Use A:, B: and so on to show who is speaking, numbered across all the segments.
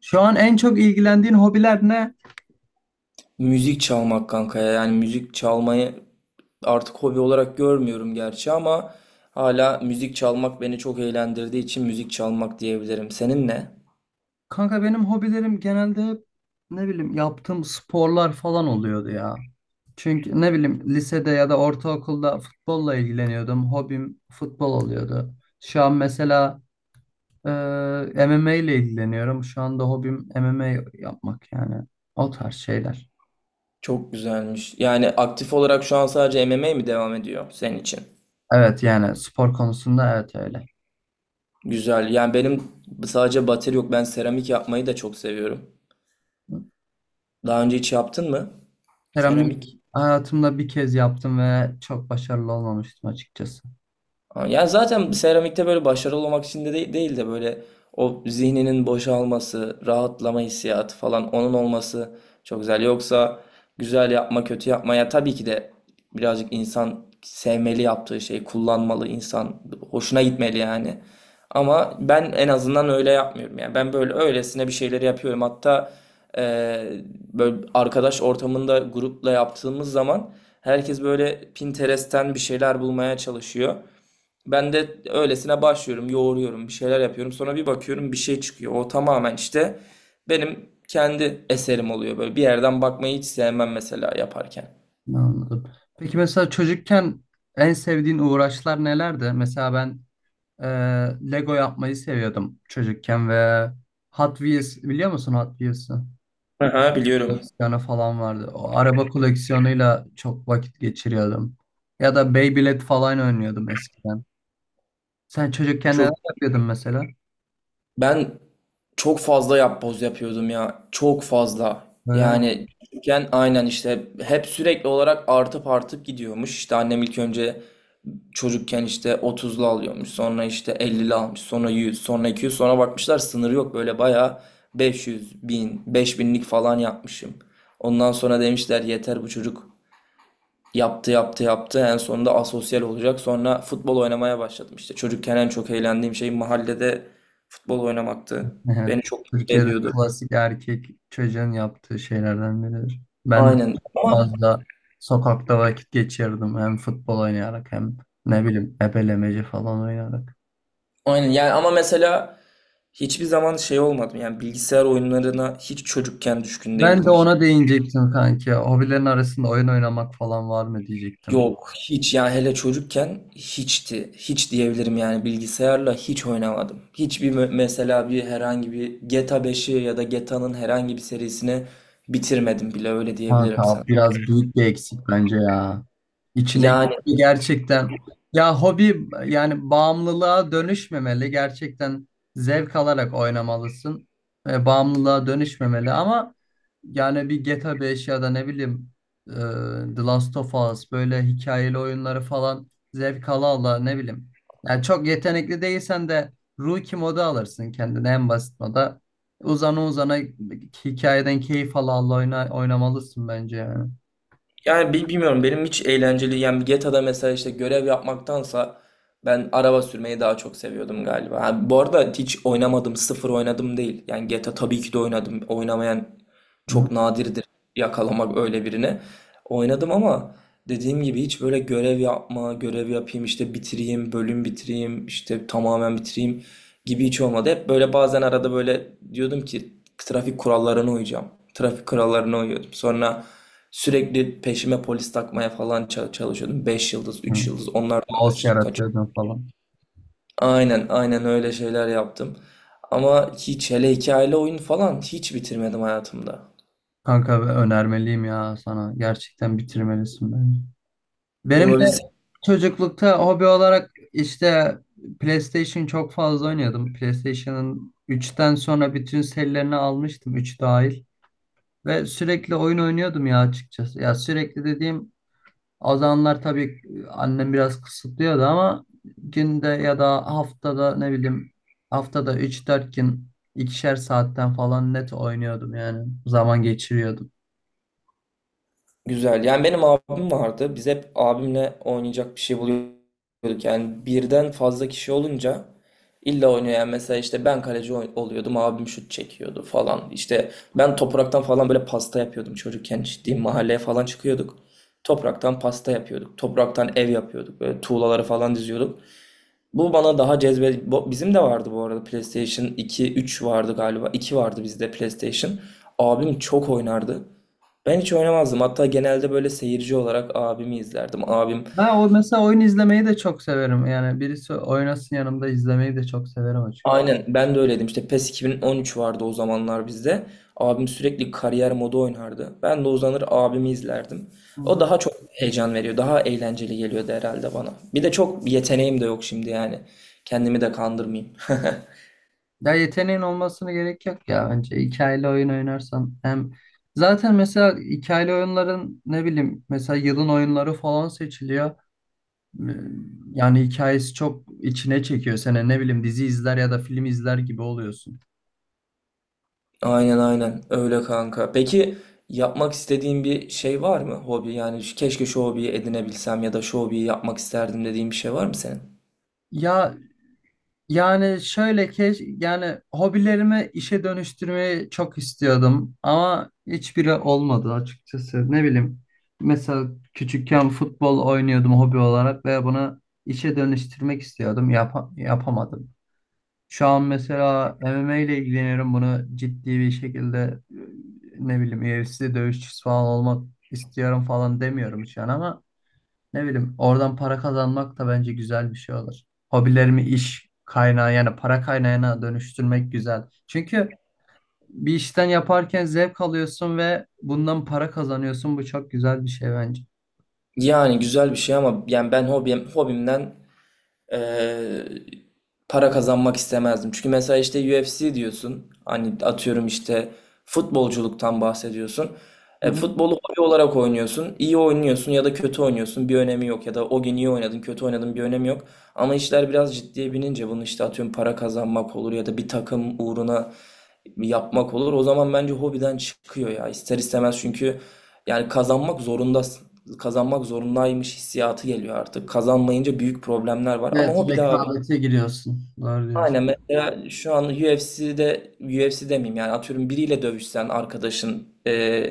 A: Şu an en çok ilgilendiğin hobiler ne?
B: Müzik çalmak kanka ya. Yani müzik çalmayı artık hobi olarak görmüyorum gerçi ama hala müzik çalmak beni çok eğlendirdiği için müzik çalmak diyebilirim. Senin ne?
A: Kanka benim hobilerim genelde hep ne bileyim yaptığım sporlar falan oluyordu ya. Çünkü ne bileyim lisede ya da ortaokulda futbolla ilgileniyordum. Hobim futbol oluyordu. Şu an mesela e, MMA ile ilgileniyorum. Şu anda hobim MMA yapmak yani o tarz şeyler.
B: Çok güzelmiş. Yani aktif olarak şu an sadece M M MMA mi devam ediyor senin için?
A: Evet, yani spor konusunda evet öyle.
B: Güzel. Yani benim sadece bateri yok. Ben seramik yapmayı da çok seviyorum. Daha önce hiç yaptın mı? Seramik.
A: Seramik hayatımda bir kez yaptım ve çok başarılı olmamıştım açıkçası.
B: Ha, ya zaten seramikte böyle başarılı olmak için de değil, değil de böyle o zihninin boşalması, rahatlama hissiyatı falan onun olması çok güzel. Yoksa güzel yapma, kötü yapma ya, tabii ki de birazcık insan sevmeli yaptığı şeyi, kullanmalı insan, hoşuna gitmeli yani. Ama ben en azından öyle yapmıyorum yani. Ben böyle öylesine bir şeyleri yapıyorum. Hatta eee, böyle arkadaş ortamında grupla yaptığımız zaman herkes böyle Pinterest'ten bir şeyler bulmaya çalışıyor. Ben de öylesine başlıyorum, yoğuruyorum, bir şeyler yapıyorum. Sonra bir bakıyorum bir şey çıkıyor. O tamamen işte benim kendi eserim oluyor. Böyle bir yerden bakmayı hiç sevmem mesela yaparken.
A: Anladım. Peki mesela çocukken en sevdiğin uğraşlar nelerdi? Mesela ben e, Lego yapmayı seviyordum çocukken ve Hot Wheels biliyor musun, Hot Wheels'ı? Hot
B: Aha,
A: Wheels
B: biliyorum.
A: koleksiyonu falan vardı. O araba koleksiyonuyla çok vakit geçiriyordum. Ya da Beyblade falan oynuyordum eskiden. Sen çocukken neler
B: Çok
A: yapıyordun mesela?
B: Ben çok fazla yapboz yapıyordum ya. Çok fazla.
A: Böyle mi?
B: Yani küçükken aynen işte hep sürekli olarak artıp artıp gidiyormuş. İşte annem ilk önce çocukken işte 30'lu alıyormuş. Sonra işte 50'li almış. Sonra 100, sonra 200. Sonra bakmışlar sınırı yok. Böyle bayağı 500, 1.000, 5.000'lik falan yapmışım. Ondan sonra demişler yeter bu çocuk. Yaptı yaptı yaptı, en sonunda asosyal olacak. Sonra futbol oynamaya başladım. İşte çocukken en çok eğlendiğim şey mahallede futbol oynamaktı.
A: Evet,
B: Beni çok mutlu
A: Türkiye'de
B: ediyordu.
A: klasik erkek çocuğun yaptığı şeylerden biridir. Ben de
B: Aynen
A: çok
B: ama.
A: fazla sokakta vakit geçirdim. Hem futbol oynayarak hem ne bileyim ebelemeci falan oynayarak.
B: Aynen yani, ama mesela hiçbir zaman şey olmadım, yani bilgisayar oyunlarına hiç çocukken düşkün
A: Ben de
B: değildim.
A: ona değinecektim kanki. Hobilerin arasında oyun oynamak falan var mı diyecektim.
B: Yok, hiç yani, hele çocukken hiçti, hiç diyebilirim yani. Bilgisayarla hiç oynamadım hiçbir, mesela bir, herhangi bir GTA 5'i ya da GTA'nın herhangi bir serisini bitirmedim bile, öyle
A: Kanka
B: diyebilirim sana.
A: biraz büyük bir eksik bence ya. İçine
B: Yani,
A: gitti gerçekten. Ya hobi yani bağımlılığa dönüşmemeli. Gerçekten zevk alarak oynamalısın. Bağımlılığa dönüşmemeli ama yani bir GTA 5 ya da ne bileyim e, The Last of Us, böyle hikayeli oyunları falan zevk ala ala ne bileyim. Yani çok yetenekli değilsen de Rookie modu alırsın kendine, en basit moda. Uzana uzana hikayeden keyif ala ala oynamalısın bence yani.
B: bilmiyorum, benim hiç eğlenceli yani GTA'da mesela işte görev yapmaktansa ben araba sürmeyi daha çok seviyordum galiba. Ha, bu arada hiç oynamadım, sıfır oynadım değil. Yani GTA tabii ki de oynadım. Oynamayan
A: Hı
B: çok nadirdir, yakalamak öyle birini. Oynadım ama dediğim gibi hiç böyle görev yapma, görev yapayım işte bitireyim, bölüm bitireyim, işte tamamen bitireyim gibi hiç olmadı. Hep böyle, bazen arada böyle diyordum ki trafik kurallarına uyacağım. Trafik kurallarına uyuyordum. Sonra sürekli peşime polis takmaya falan çalışıyordum. 5 yıldız,
A: hı.
B: üç yıldız, onlardan
A: Kaos
B: kaçtık.
A: yaratıyordun falan.
B: Aynen aynen, öyle şeyler yaptım. Ama hiç, hele hikayeli oyun falan hiç bitirmedim hayatımda.
A: Kanka ve önermeliyim ya sana. Gerçekten bitirmelisin bence. Benim de
B: Olabilir.
A: çocuklukta hobi olarak işte PlayStation çok fazla oynuyordum. PlayStation'ın 3'ten sonra bütün serilerini almıştım, 3 dahil. Ve sürekli oyun oynuyordum ya açıkçası. Ya, sürekli dediğim, o zamanlar tabii annem biraz kısıtlıyordu ama günde ya da haftada ne bileyim haftada üç dört gün ikişer saatten falan net oynuyordum yani zaman geçiriyordum.
B: Güzel. Yani benim abim vardı. Biz hep abimle oynayacak bir şey buluyorduk. Yani birden fazla kişi olunca illa oynuyor. Yani mesela işte ben kaleci oluyordum. Abim şut çekiyordu falan. İşte ben topraktan falan böyle pasta yapıyordum çocukken. Ciddi, mahalleye falan çıkıyorduk. Topraktan pasta yapıyorduk. Topraktan ev yapıyorduk. Böyle tuğlaları falan diziyorduk. Bu bana daha cezbe... bu- Bizim de vardı bu arada, PlayStation 2 3 vardı galiba. İki vardı bizde PlayStation. Abim çok oynardı. Ben hiç oynamazdım. Hatta genelde böyle seyirci olarak abimi izlerdim. Abim,
A: Ben o mesela oyun izlemeyi de çok severim. Yani birisi oynasın yanımda, izlemeyi de çok severim açıkçası.
B: aynen, ben de öyleydim. İşte PES 2013 vardı o zamanlar bizde. Abim sürekli kariyer modu oynardı. Ben de uzanır abimi izlerdim.
A: Hı
B: O
A: hı.
B: daha çok heyecan veriyor. Daha eğlenceli geliyordu herhalde bana. Bir de çok yeteneğim de yok şimdi yani. Kendimi de kandırmayayım.
A: Ya yeteneğin olmasına gerek yok ya bence. Hikayeli oyun oynarsan hem zaten mesela hikayeli oyunların ne bileyim mesela yılın oyunları falan seçiliyor. Ee, Yani hikayesi çok içine çekiyor seni. Ne bileyim dizi izler ya da film izler gibi oluyorsun.
B: Aynen aynen öyle kanka. Peki yapmak istediğin bir şey var mı? Hobi yani, keşke şu hobiyi edinebilsem ya da şu hobiyi yapmak isterdim dediğin bir şey var mı senin?
A: Ya yani şöyle ki, yani hobilerimi işe dönüştürmeyi çok istiyordum ama hiçbiri olmadı açıkçası. Ne bileyim mesela küçükken futbol oynuyordum hobi olarak ve bunu işe dönüştürmek istiyordum. Yapamadım. Şu an mesela MMA ile ilgileniyorum. Bunu ciddi bir şekilde ne bileyim UFC dövüşçüsü falan olmak istiyorum falan demiyorum şu an ama ne bileyim oradan para kazanmak da bence güzel bir şey olur. Hobilerimi iş kaynağı, yani para kaynağına dönüştürmek güzel. Çünkü bir işten yaparken zevk alıyorsun ve bundan para kazanıyorsun. Bu çok güzel bir şey bence.
B: Yani güzel bir şey ama yani ben hobim, hobimden, eee, para kazanmak istemezdim. Çünkü mesela işte UFC diyorsun. Hani atıyorum işte futbolculuktan bahsediyorsun.
A: Hı
B: E,
A: hı.
B: futbolu hobi olarak oynuyorsun. İyi oynuyorsun ya da kötü oynuyorsun, bir önemi yok. Ya da o gün iyi oynadın, kötü oynadın, bir önemi yok. Ama işler biraz ciddiye binince bunu işte atıyorum para kazanmak olur ya da bir takım uğruna yapmak olur. O zaman bence hobiden çıkıyor ya. İster istemez, çünkü yani kazanmak zorundasın, kazanmak zorundaymış hissiyatı geliyor artık. Kazanmayınca büyük problemler var. Ama
A: Evet,
B: o bir daha abi.
A: rekabete giriyorsun. Doğru diyorsun.
B: Aynen, mesela şu an UFC'de, UFC demeyeyim yani, atıyorum biriyle dövüşsen, arkadaşın,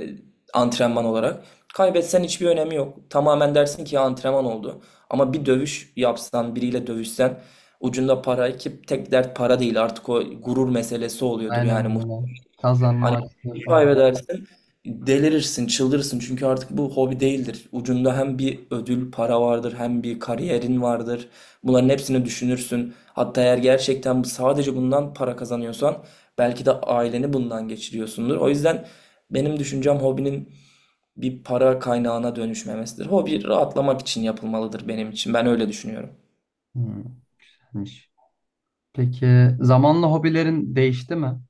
B: antrenman olarak kaybetsen hiçbir önemi yok. Tamamen dersin ki ya, antrenman oldu. Ama bir dövüş yapsan, biriyle dövüşsen, ucunda para, ki tek dert para değil artık, o gurur meselesi oluyordur
A: Aynen
B: yani.
A: öyle. Kazanma
B: Hani bir
A: açısı
B: şey
A: falan.
B: kaybedersin, delirirsin, çıldırırsın. Çünkü artık bu hobi değildir. Ucunda hem bir ödül, para vardır, hem bir kariyerin vardır. Bunların hepsini düşünürsün. Hatta eğer gerçekten sadece bundan para kazanıyorsan, belki de aileni bundan geçiriyorsundur. O yüzden benim düşüncem hobinin bir para kaynağına dönüşmemesidir. Hobi rahatlamak için yapılmalıdır benim için. Ben öyle düşünüyorum.
A: Hmm. Peki zamanla hobilerin değişti mi?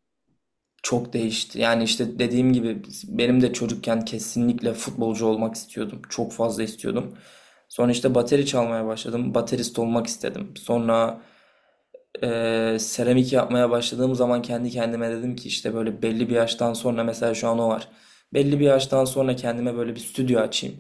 B: Çok değişti. Yani işte dediğim gibi benim de çocukken kesinlikle futbolcu olmak istiyordum. Çok fazla istiyordum. Sonra işte bateri çalmaya başladım. Baterist olmak istedim. Sonra seramik yapmaya başladığım zaman kendi kendime dedim ki işte böyle belli bir yaştan sonra, mesela şu an o var. Belli bir yaştan sonra kendime böyle bir stüdyo açayım.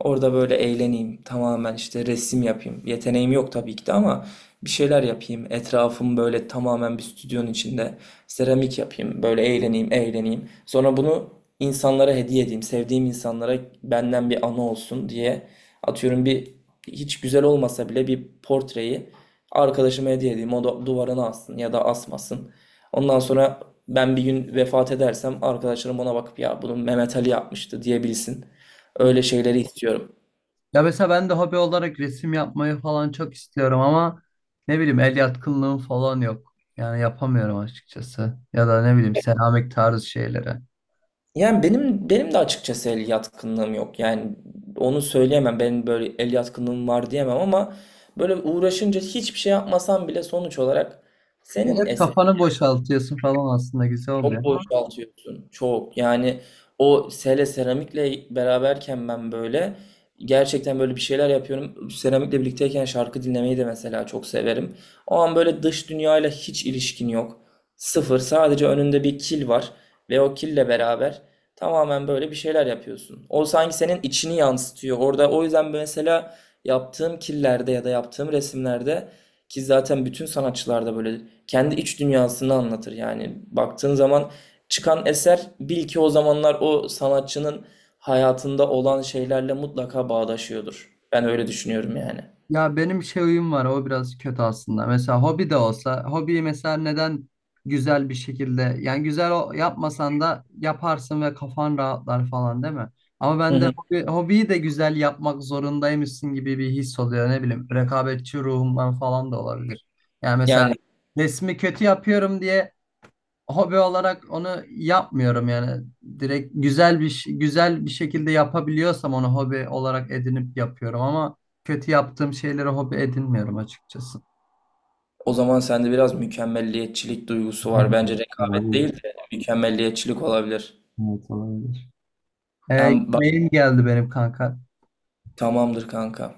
B: Orada böyle eğleneyim. Tamamen işte resim yapayım. Yeteneğim yok tabii ki de ama bir şeyler yapayım. Etrafım böyle tamamen bir stüdyonun içinde. Seramik yapayım. Böyle eğleneyim, eğleneyim. Sonra bunu insanlara hediye edeyim. Sevdiğim insanlara benden bir anı olsun diye atıyorum bir, hiç güzel olmasa bile, bir portreyi arkadaşıma hediye edeyim. O da duvarına assın ya da asmasın. Ondan sonra ben bir gün vefat edersem arkadaşlarım ona bakıp ya bunu Mehmet Ali yapmıştı diyebilsin. Öyle şeyleri istiyorum.
A: Ya mesela ben de hobi olarak resim yapmayı falan çok istiyorum ama ne bileyim el yatkınlığım falan yok. Yani yapamıyorum açıkçası. Ya da ne bileyim seramik tarzı şeylere.
B: Yani benim de açıkçası el yatkınlığım yok. Yani onu söyleyemem. Benim böyle el yatkınlığım var diyemem ama böyle uğraşınca hiçbir şey yapmasam bile sonuç olarak senin
A: Evet,
B: eserin.
A: kafanı boşaltıyorsun falan, aslında güzel oluyor.
B: Çok boşaltıyorsun. Çok. Yani o, hele seramikle beraberken ben böyle gerçekten böyle bir şeyler yapıyorum. Seramikle birlikteyken şarkı dinlemeyi de mesela çok severim. O an böyle dış dünyayla hiç ilişkin yok. Sıfır. Sadece önünde bir kil var ve o kille beraber tamamen böyle bir şeyler yapıyorsun. O sanki senin içini yansıtıyor. Orada, o yüzden mesela yaptığım killerde ya da yaptığım resimlerde, ki zaten bütün sanatçılarda böyle kendi iç dünyasını anlatır yani. Baktığın zaman çıkan eser, bil ki o zamanlar o sanatçının hayatında olan şeylerle mutlaka bağdaşıyordur. Ben öyle düşünüyorum yani.
A: Ya benim şey huyum var, o biraz kötü aslında. Mesela hobi de olsa hobiyi mesela neden güzel bir şekilde, yani yapmasan da yaparsın ve kafan rahatlar falan değil mi? Ama
B: Hı
A: ben de
B: hı.
A: hobiyi de güzel yapmak zorundaymışsın gibi bir his oluyor, ne bileyim rekabetçi ruhumdan falan da olabilir. Yani mesela
B: Yani
A: resmi kötü yapıyorum diye hobi olarak onu yapmıyorum yani. Direkt güzel güzel bir şekilde yapabiliyorsam onu hobi olarak edinip yapıyorum ama kötü yaptığım şeyleri hobi edinmiyorum açıkçası.
B: o zaman sende biraz mükemmelliyetçilik duygusu var.
A: Evet,
B: Bence rekabet
A: olabilir.
B: değil de mükemmelliyetçilik olabilir.
A: Evet, olabilir.
B: Yani bak,
A: Mail geldi benim kanka.
B: tamamdır kanka.